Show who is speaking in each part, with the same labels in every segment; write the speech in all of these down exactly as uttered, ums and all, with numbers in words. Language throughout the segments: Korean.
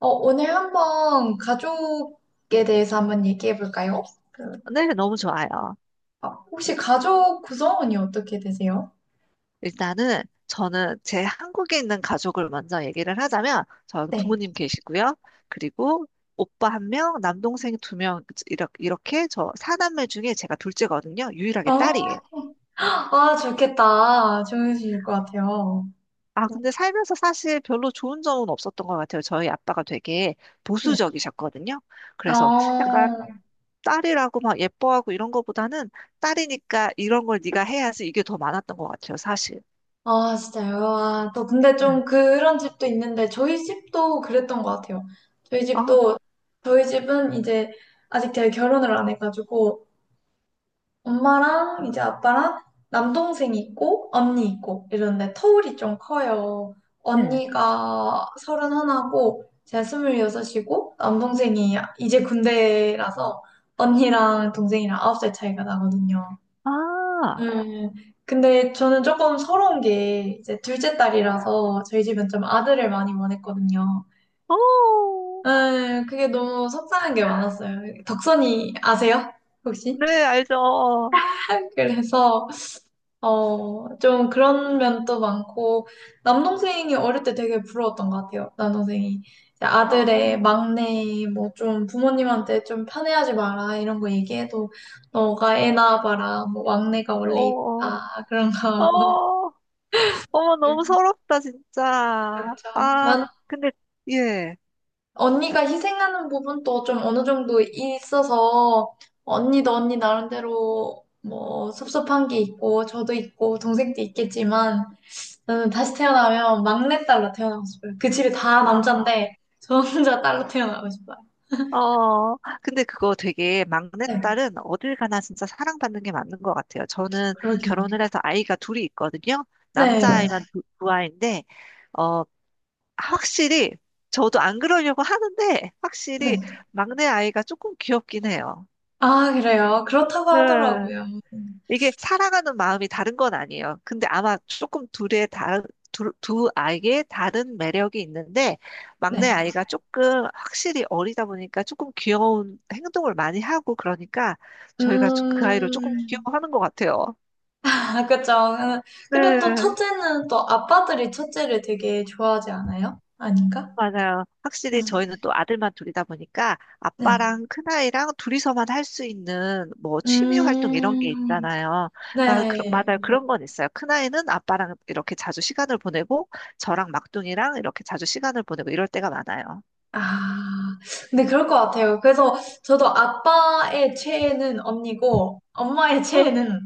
Speaker 1: 어, 오늘 한번 가족에 대해서 한번 얘기해 볼까요? 그,
Speaker 2: 네, 너무 좋아요.
Speaker 1: 아, 혹시 가족 구성원이 어떻게 되세요?
Speaker 2: 일단은 저는 제 한국에 있는 가족을 먼저 얘기를 하자면, 저는
Speaker 1: 네.
Speaker 2: 부모님 계시고요. 그리고 오빠 한 명, 남동생 두 명, 이렇게, 이렇게 저 사남매 중에 제가 둘째거든요. 유일하게
Speaker 1: 어,
Speaker 2: 딸이에요.
Speaker 1: 아, 좋겠다. 좋으실 것 같아요.
Speaker 2: 아, 근데 살면서 사실 별로 좋은 점은 없었던 것 같아요. 저희 아빠가 되게
Speaker 1: 네.
Speaker 2: 보수적이셨거든요. 그래서
Speaker 1: 어,
Speaker 2: 약간 딸이라고 막 예뻐하고 이런 거보다는 딸이니까 이런 걸 네가 해야지 이게 더 많았던 것 같아요, 사실.
Speaker 1: 아, 진짜요? 아, 또 근데
Speaker 2: 네.
Speaker 1: 좀 그런 집도 있는데 저희 집도 그랬던 것 같아요. 저희
Speaker 2: 아,
Speaker 1: 집도 저희 집은 이제 아직 제가 결혼을 안 해가지고 엄마랑 이제 아빠랑 남동생이 있고 언니 있고 이러는데 터울이 좀 커요.
Speaker 2: 네.
Speaker 1: 언니가 서른 하나고 제가 스물여섯이고 남동생이 이제 군대라서 언니랑 동생이랑 아홉 살 차이가 나거든요.
Speaker 2: 아,
Speaker 1: 음, 근데 저는 조금 서러운 게 이제 둘째 딸이라서 저희 집은 좀 아들을 많이 원했거든요.
Speaker 2: 어,
Speaker 1: 음, 그게 너무 속상한 게 많았어요. 덕선이 아세요? 혹시?
Speaker 2: 네, 알죠. 어,
Speaker 1: 그래서 어, 좀 그런 면도 많고, 남동생이 어릴 때 되게 부러웠던 것 같아요. 남동생이. 이제
Speaker 2: 어,
Speaker 1: 아들의 막내, 뭐 좀 부모님한테 좀 편애하지 마라, 이런 거 얘기해도, 너가 애 낳아봐라, 뭐 막내가 원래
Speaker 2: 어,
Speaker 1: 이쁘다, 그런 거 하고.
Speaker 2: 어, 어머, 너무 서럽다, 진짜.
Speaker 1: 그렇죠.
Speaker 2: 아,
Speaker 1: 난
Speaker 2: 근데, 예.
Speaker 1: 언니가 희생하는 부분도 좀 어느 정도 있어서, 언니도 언니 나름대로 뭐 섭섭한 게 있고, 저도 있고, 동생도 있겠지만, 저는 다시 태어나면 막내딸로 태어나고 싶어요. 그 집이 다
Speaker 2: 아,
Speaker 1: 남잔데 저 혼자 딸로 태어나고 싶어요.
Speaker 2: 어, 근데 그거 되게
Speaker 1: 네.
Speaker 2: 막내딸은 어딜 가나 진짜 사랑받는 게 맞는 것 같아요. 저는
Speaker 1: 그러게요.
Speaker 2: 결혼을 해서 아이가 둘이 있거든요.
Speaker 1: 네.
Speaker 2: 남자아이만 두, 두 아이인데, 어, 확실히, 저도 안 그러려고 하는데, 확실히
Speaker 1: 네.
Speaker 2: 막내 아이가 조금 귀엽긴 해요.
Speaker 1: 아, 그래요. 그렇다고
Speaker 2: 네.
Speaker 1: 하더라고요.
Speaker 2: 이게 사랑하는 마음이 다른 건 아니에요. 근데 아마 조금 둘의 다른 두, 두 아이의 다른 매력이 있는데
Speaker 1: 네.
Speaker 2: 막내 아이가 조금 확실히 어리다 보니까 조금 귀여운 행동을 많이 하고 그러니까 저희가 그 아이를 조금
Speaker 1: 음,
Speaker 2: 귀여워하는 것 같아요.
Speaker 1: 아, 그쵸. 근데 또
Speaker 2: 네.
Speaker 1: 첫째는 또 아빠들이 첫째를 되게 좋아하지 않아요? 아닌가?
Speaker 2: 맞아요.
Speaker 1: 음,
Speaker 2: 확실히 저희는 또 아들만 둘이다 보니까
Speaker 1: 네.
Speaker 2: 아빠랑 큰아이랑 둘이서만 할 수 있는 뭐 취미 활동 이런
Speaker 1: 음,
Speaker 2: 게 있잖아요. 나 그,
Speaker 1: 네.
Speaker 2: 맞아요. 그런 건 있어요. 큰아이는 아빠랑 이렇게 자주 시간을 보내고 저랑 막둥이랑 이렇게 자주 시간을 보내고 이럴 때가 많아요.
Speaker 1: 아, 근데 그럴 것 같아요. 그래서 저도 아빠의 최애는 언니고, 엄마의
Speaker 2: 어,
Speaker 1: 최애는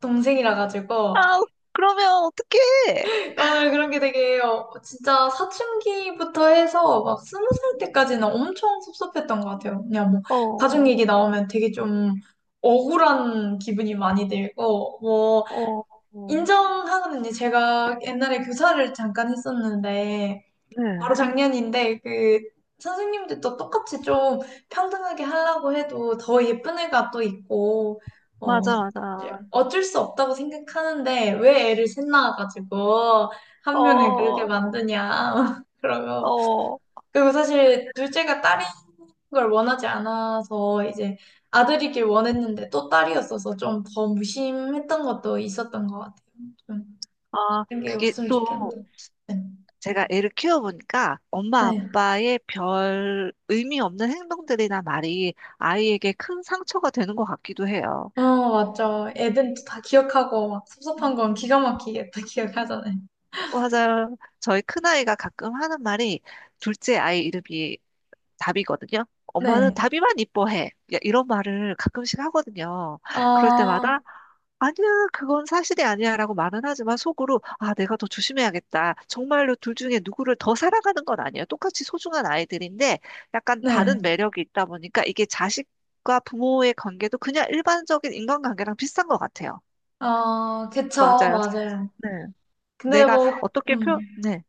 Speaker 1: 동생이라 가지고,
Speaker 2: 아우, 그러면 어떡해?
Speaker 1: 오늘 그런 게 되게, 어, 진짜 사춘기부터 해서 막 스무 살 때까지는 엄청 섭섭했던 것 같아요. 그냥 뭐, 가족
Speaker 2: 어,
Speaker 1: 얘기 나오면 되게 좀 억울한 기분이 많이 들고, 뭐,
Speaker 2: 어, 어.
Speaker 1: 인정하는 게 제가 옛날에 교사를 잠깐 했었는데,
Speaker 2: 네.
Speaker 1: 바로 작년인데 그 선생님들도 똑같이 좀 평등하게 하려고 해도 더 예쁜 애가 또 있고 어
Speaker 2: 맞아, 맞아.
Speaker 1: 어쩔 수 없다고 생각하는데 왜 애를 셋 낳아가지고 한 명을 그렇게
Speaker 2: 어,
Speaker 1: 만드냐 그러면
Speaker 2: 어.
Speaker 1: 그리고 사실 둘째가 딸인 걸 원하지 않아서 이제 아들이길 원했는데 또 딸이었어서 좀 더 무심했던 것도 있었던 것 같아요. 좀
Speaker 2: 아,
Speaker 1: 그런 게
Speaker 2: 그게
Speaker 1: 없으면 좋겠는데.
Speaker 2: 또
Speaker 1: 네.
Speaker 2: 제가 애를 키워보니까 엄마
Speaker 1: 네.
Speaker 2: 아빠의 별 의미 없는 행동들이나 말이 아이에게 큰 상처가 되는 것 같기도 해요.
Speaker 1: 어, 맞죠. 애들이 또다 기억하고 막 섭섭한
Speaker 2: 음.
Speaker 1: 건 기가 막히게 다 기억하잖아요.
Speaker 2: 맞아요. 저희 큰아이가 가끔 하는 말이 둘째 아이 이름이 답이거든요. 엄마는
Speaker 1: 네.
Speaker 2: 답이만 이뻐해. 야, 이런 말을 가끔씩 하거든요. 그럴
Speaker 1: 어,
Speaker 2: 때마다 아니야, 그건 사실이 아니야라고 말은 하지만 속으로 아, 내가 더 조심해야겠다. 정말로 둘 중에 누구를 더 사랑하는 건 아니에요. 똑같이 소중한 아이들인데 약간
Speaker 1: 네.
Speaker 2: 다른 매력이 있다 보니까 이게 자식과 부모의 관계도 그냥 일반적인 인간관계랑 비슷한 것 같아요.
Speaker 1: 어, 그쵸.
Speaker 2: 맞아요.
Speaker 1: 맞아요.
Speaker 2: 네.
Speaker 1: 근데
Speaker 2: 내가
Speaker 1: 뭐,
Speaker 2: 어떻게
Speaker 1: 음,
Speaker 2: 표, 네.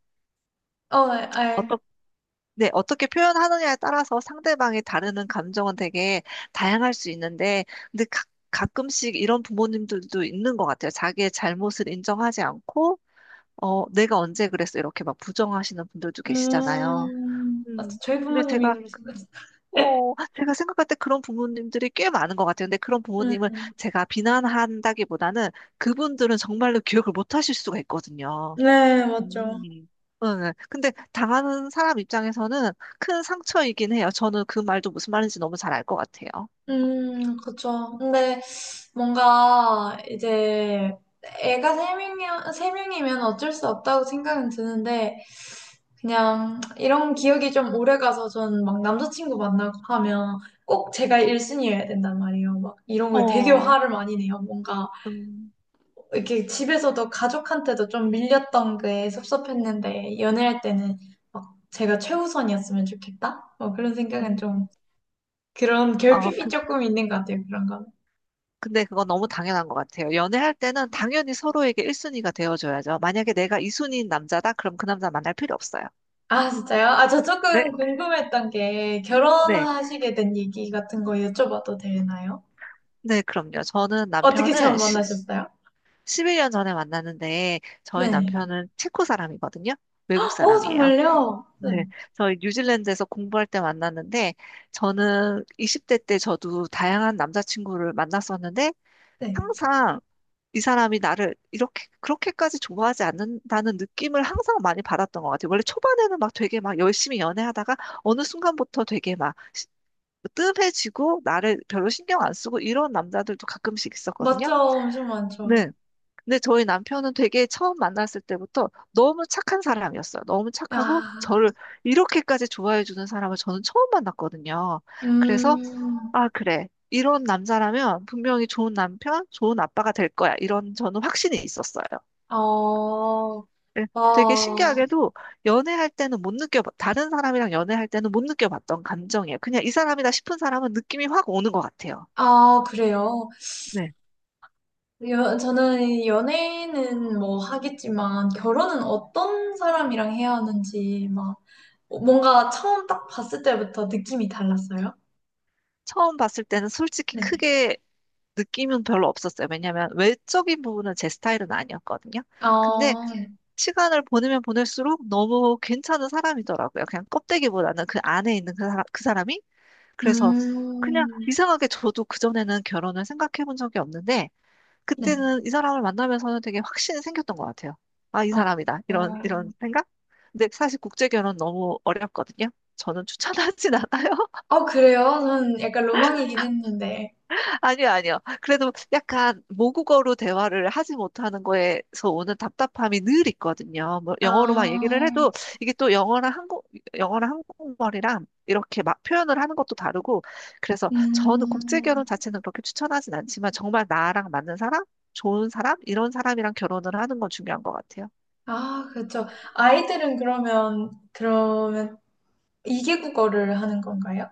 Speaker 1: 어, 네, 알,
Speaker 2: 네, 어떻게 표현하느냐에 따라서 상대방이 다루는 감정은 되게 다양할 수 있는데, 근데 가, 가끔씩 이런 부모님들도 있는 것 같아요. 자기의 잘못을 인정하지 않고, 어, 내가 언제 그랬어? 이렇게 막 부정하시는 분들도 계시잖아요.
Speaker 1: 음, 맞죠.
Speaker 2: 음,
Speaker 1: 저희
Speaker 2: 근데
Speaker 1: 부모님이
Speaker 2: 제가,
Speaker 1: 그러시네요.
Speaker 2: 어, 제가 생각할 때 그런 부모님들이 꽤 많은 것 같아요. 근데 그런 부모님을
Speaker 1: 음,
Speaker 2: 제가 비난한다기보다는 그분들은 정말로 기억을 못 하실 수가 있거든요.
Speaker 1: 네, 맞죠.
Speaker 2: 음. 응, 근데 당하는 사람 입장에서는 큰 상처이긴 해요. 저는 그 말도 무슨 말인지 너무 잘 알 것 같아요.
Speaker 1: 음, 그쵸. 근데 뭔가 이제 애가 세 명이, 세 명이면 어쩔 수 없다고 생각은 드는데, 그냥 이런 기억이 좀 오래 가서 전 막 남자친구 만나고 하면 꼭 제가 일 순위여야 된단 말이에요. 막 이런 거에 되게
Speaker 2: 어,
Speaker 1: 화를 많이 내요. 뭔가
Speaker 2: 음,
Speaker 1: 이렇게 집에서도 가족한테도 좀 밀렸던 게 섭섭했는데 연애할 때는 막 제가 최우선이었으면 좋겠다? 뭐 그런 생각은
Speaker 2: 음.
Speaker 1: 좀 그런
Speaker 2: 아,
Speaker 1: 결핍이
Speaker 2: 그,
Speaker 1: 조금 있는 것 같아요. 그런 건.
Speaker 2: 근데 그건 너무 당연한 것 같아요. 연애할 때는 당연히 서로에게 일 순위가 되어줘야죠. 만약에 내가 이 순위인 남자다? 그럼 그 남자 만날 필요 없어요.
Speaker 1: 아, 진짜요? 아, 저
Speaker 2: 네,
Speaker 1: 조금 궁금했던 게
Speaker 2: 네.
Speaker 1: 결혼하시게 된 얘기 같은 거 여쭤봐도 되나요?
Speaker 2: 네, 그럼요. 저는
Speaker 1: 어떻게
Speaker 2: 남편을
Speaker 1: 처음
Speaker 2: 십,
Speaker 1: 만나셨어요?
Speaker 2: 십일 년 전에 만났는데, 저희
Speaker 1: 네.
Speaker 2: 남편은 체코 사람이거든요. 외국
Speaker 1: 어,
Speaker 2: 사람이에요.
Speaker 1: 정말요? 네,
Speaker 2: 네, 저희 뉴질랜드에서 공부할 때 만났는데, 저는 이십 대 때 저도 다양한 남자친구를 만났었는데,
Speaker 1: 네.
Speaker 2: 항상 이 사람이 나를 이렇게, 그렇게까지 좋아하지 않는다는 느낌을 항상 많이 받았던 것 같아요. 원래 초반에는 막 되게 막 열심히 연애하다가, 어느 순간부터 되게 막 시- 뭐 뜸해지고, 나를 별로 신경 안 쓰고, 이런 남자들도 가끔씩 있었거든요.
Speaker 1: 맞죠? 엄청 많죠.
Speaker 2: 네. 근데 저희 남편은 되게 처음 만났을 때부터 너무 착한 사람이었어요. 너무 착하고
Speaker 1: 야,
Speaker 2: 저를 이렇게까지 좋아해 주는 사람을 저는 처음 만났거든요. 그래서
Speaker 1: 음,
Speaker 2: 아, 그래. 이런 남자라면 분명히 좋은 남편, 좋은 아빠가 될 거야. 이런 저는 확신이 있었어요.
Speaker 1: 어,
Speaker 2: 예, 되게
Speaker 1: 어,
Speaker 2: 신기하게도 연애할 때는 못 느껴, 다른 사람이랑 연애할 때는 못 느껴봤던 감정이에요. 그냥 이 사람이다 싶은 사람은 느낌이 확 오는 것 같아요.
Speaker 1: 아, 그래요.
Speaker 2: 네.
Speaker 1: 여, 저는 연애는 뭐 하겠지만, 결혼은 어떤 사람이랑 해야 하는지, 막, 뭔가 처음 딱 봤을 때부터 느낌이 달랐어요.
Speaker 2: 처음 봤을 때는 솔직히
Speaker 1: 네.
Speaker 2: 크게 느낌은 별로 없었어요. 왜냐면 외적인 부분은 제 스타일은 아니었거든요. 근데
Speaker 1: 어,
Speaker 2: 시간을 보내면 보낼수록 너무 괜찮은 사람이더라고요. 그냥 껍데기보다는 그 안에 있는 그 사람, 그 사람이. 그래서 그냥
Speaker 1: 음,
Speaker 2: 이상하게 저도 그전에는 결혼을 생각해 본 적이 없는데
Speaker 1: 네.
Speaker 2: 그때는 이 사람을 만나면서는 되게 확신이 생겼던 것 같아요. 아, 이
Speaker 1: 어,
Speaker 2: 사람이다.
Speaker 1: 어,
Speaker 2: 이런, 이런 생각? 근데 사실 국제결혼 너무 어렵거든요. 저는 추천하진 않아요.
Speaker 1: 어, 그래요? 저는 약간 로망이긴 했는데.
Speaker 2: 아니요, 아니요. 그래도 약간 모국어로 대화를 하지 못하는 거에서 오는 답답함이 늘 있거든요. 뭐 영어로 막
Speaker 1: 아,
Speaker 2: 얘기를 해도 이게 또 영어랑 한국, 영어랑 한국말이랑 이렇게 막 표현을 하는 것도 다르고 그래서 저는 국제 결혼
Speaker 1: 음,
Speaker 2: 자체는 그렇게 추천하진 않지만 정말 나랑 맞는 사람, 좋은 사람, 이런 사람이랑 결혼을 하는 건 중요한 것 같아요.
Speaker 1: 아, 그렇죠. 아이들은 그러면, 그러면 이계국어를 하는 건가요?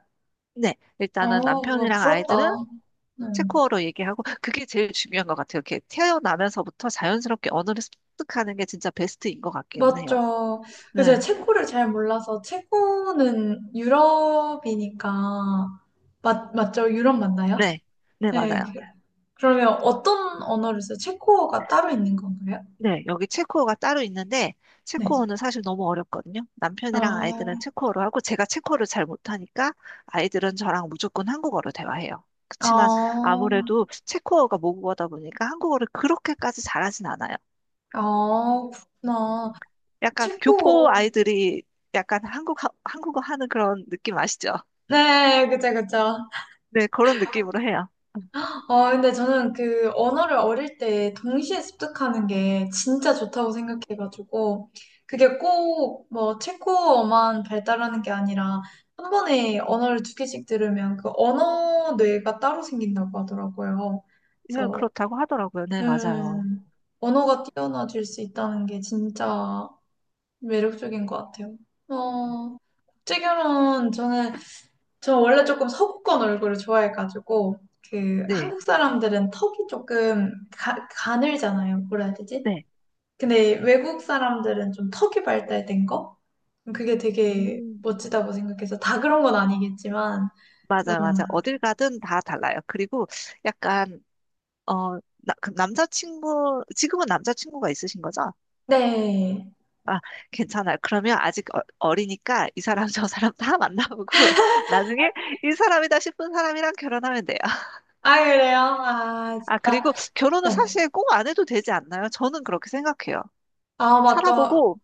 Speaker 2: 네,
Speaker 1: 어,
Speaker 2: 일단은
Speaker 1: 와,
Speaker 2: 남편이랑 아이들은
Speaker 1: 부럽다. 음,
Speaker 2: 체코어로 얘기하고 그게 제일 중요한 것 같아요. 이렇게 태어나면서부터 자연스럽게 언어를 습득하는 게 진짜 베스트인 것 같기는 해요.
Speaker 1: 맞죠.
Speaker 2: 네,
Speaker 1: 근데 제가 체코를 잘 몰라서, 체코는 유럽이니까, 맞, 맞죠? 유럽 맞나요?
Speaker 2: 네, 네,
Speaker 1: 네. 그-
Speaker 2: 맞아요.
Speaker 1: 그러면 어떤 언어를 써요? 체코어가 따로 있는 건가요?
Speaker 2: 네, 여기 체코어가 따로 있는데,
Speaker 1: 네.
Speaker 2: 체코어는 사실 너무 어렵거든요. 남편이랑 아이들은
Speaker 1: 아,
Speaker 2: 체코어로 하고, 제가 체코어를 잘 못하니까, 아이들은 저랑 무조건 한국어로 대화해요. 그치만,
Speaker 1: 아,
Speaker 2: 아무래도 체코어가 모국어다 보니까 한국어를 그렇게까지 잘하진 않아요.
Speaker 1: 아, 그렇구나.
Speaker 2: 약간 교포
Speaker 1: 체코어.
Speaker 2: 아이들이 약간 한국, 한국어 하는 그런 느낌 아시죠?
Speaker 1: 네, 그죠, 그죠.
Speaker 2: 네, 그런 느낌으로 해요.
Speaker 1: 아, 근데 저는 그 언어를 어릴 때 동시에 습득하는 게 진짜 좋다고 생각해가지고, 그게 꼭 뭐 체코어만 발달하는 게 아니라, 한 번에 언어를 두 개씩 들으면 그 언어 뇌가 따로 생긴다고 하더라고요.
Speaker 2: 예,
Speaker 1: 그래서,
Speaker 2: 그렇다고 하더라고요. 네, 맞아요.
Speaker 1: 음, 언어가 뛰어나질 수 있다는 게 진짜 매력적인 것 같아요. 어, 국제결혼 저는 저 원래 조금 서구권 얼굴을 좋아해가지고 그
Speaker 2: 네,
Speaker 1: 한국 사람들은 턱이 조금 가, 가늘잖아요. 뭐라 해야 되지?
Speaker 2: 네.
Speaker 1: 근데 외국 사람들은 좀 턱이 발달된 거? 그게 되게
Speaker 2: 음.
Speaker 1: 멋지다고 생각해서 다 그런 건 아니겠지만 좀
Speaker 2: 맞아, 맞아. 어딜 가든 다 달라요. 그리고 약간, 어, 나, 그 남자친구, 지금은 남자친구가 있으신 거죠?
Speaker 1: 네.
Speaker 2: 아, 괜찮아요. 그러면 아직 어, 어리니까 이 사람, 저 사람 다 만나보고 나중에 이 사람이다 싶은 사람이랑 결혼하면 돼요.
Speaker 1: 아 그래요? 아
Speaker 2: 아,
Speaker 1: 진짜
Speaker 2: 그리고 결혼은
Speaker 1: 네.
Speaker 2: 사실 꼭 안 해도 되지 않나요? 저는 그렇게 생각해요.
Speaker 1: 아 맞죠.
Speaker 2: 살아보고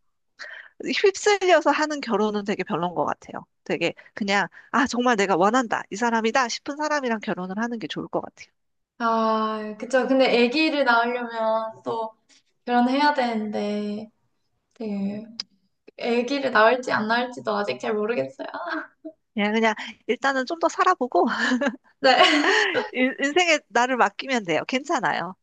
Speaker 2: 휩쓸려서 하는 결혼은 되게 별론 것 같아요. 되게 그냥, 아, 정말 내가 원한다. 이 사람이다 싶은 사람이랑 결혼을 하는 게 좋을 것 같아요.
Speaker 1: 아 그쵸. 근데 아기를 낳으려면 또 결혼해야 되는데 되게 아기를 낳을지 안 낳을지도 아직 잘 모르겠어요.
Speaker 2: 그냥, 그냥 일단은 좀 더 살아보고
Speaker 1: 네.
Speaker 2: 인- 인생에 나를 맡기면 돼요. 괜찮아요.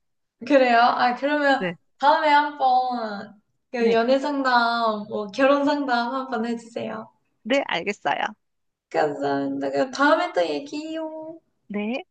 Speaker 1: 그래요? 아, 그러면
Speaker 2: 네,
Speaker 1: 다음에 한번 그
Speaker 2: 네,
Speaker 1: 연애 상담, 뭐 결혼 상담 한 번 해주세요.
Speaker 2: 네, 알겠어요.
Speaker 1: 감사합니다. 그럼 다음에 또 얘기해요.
Speaker 2: 네.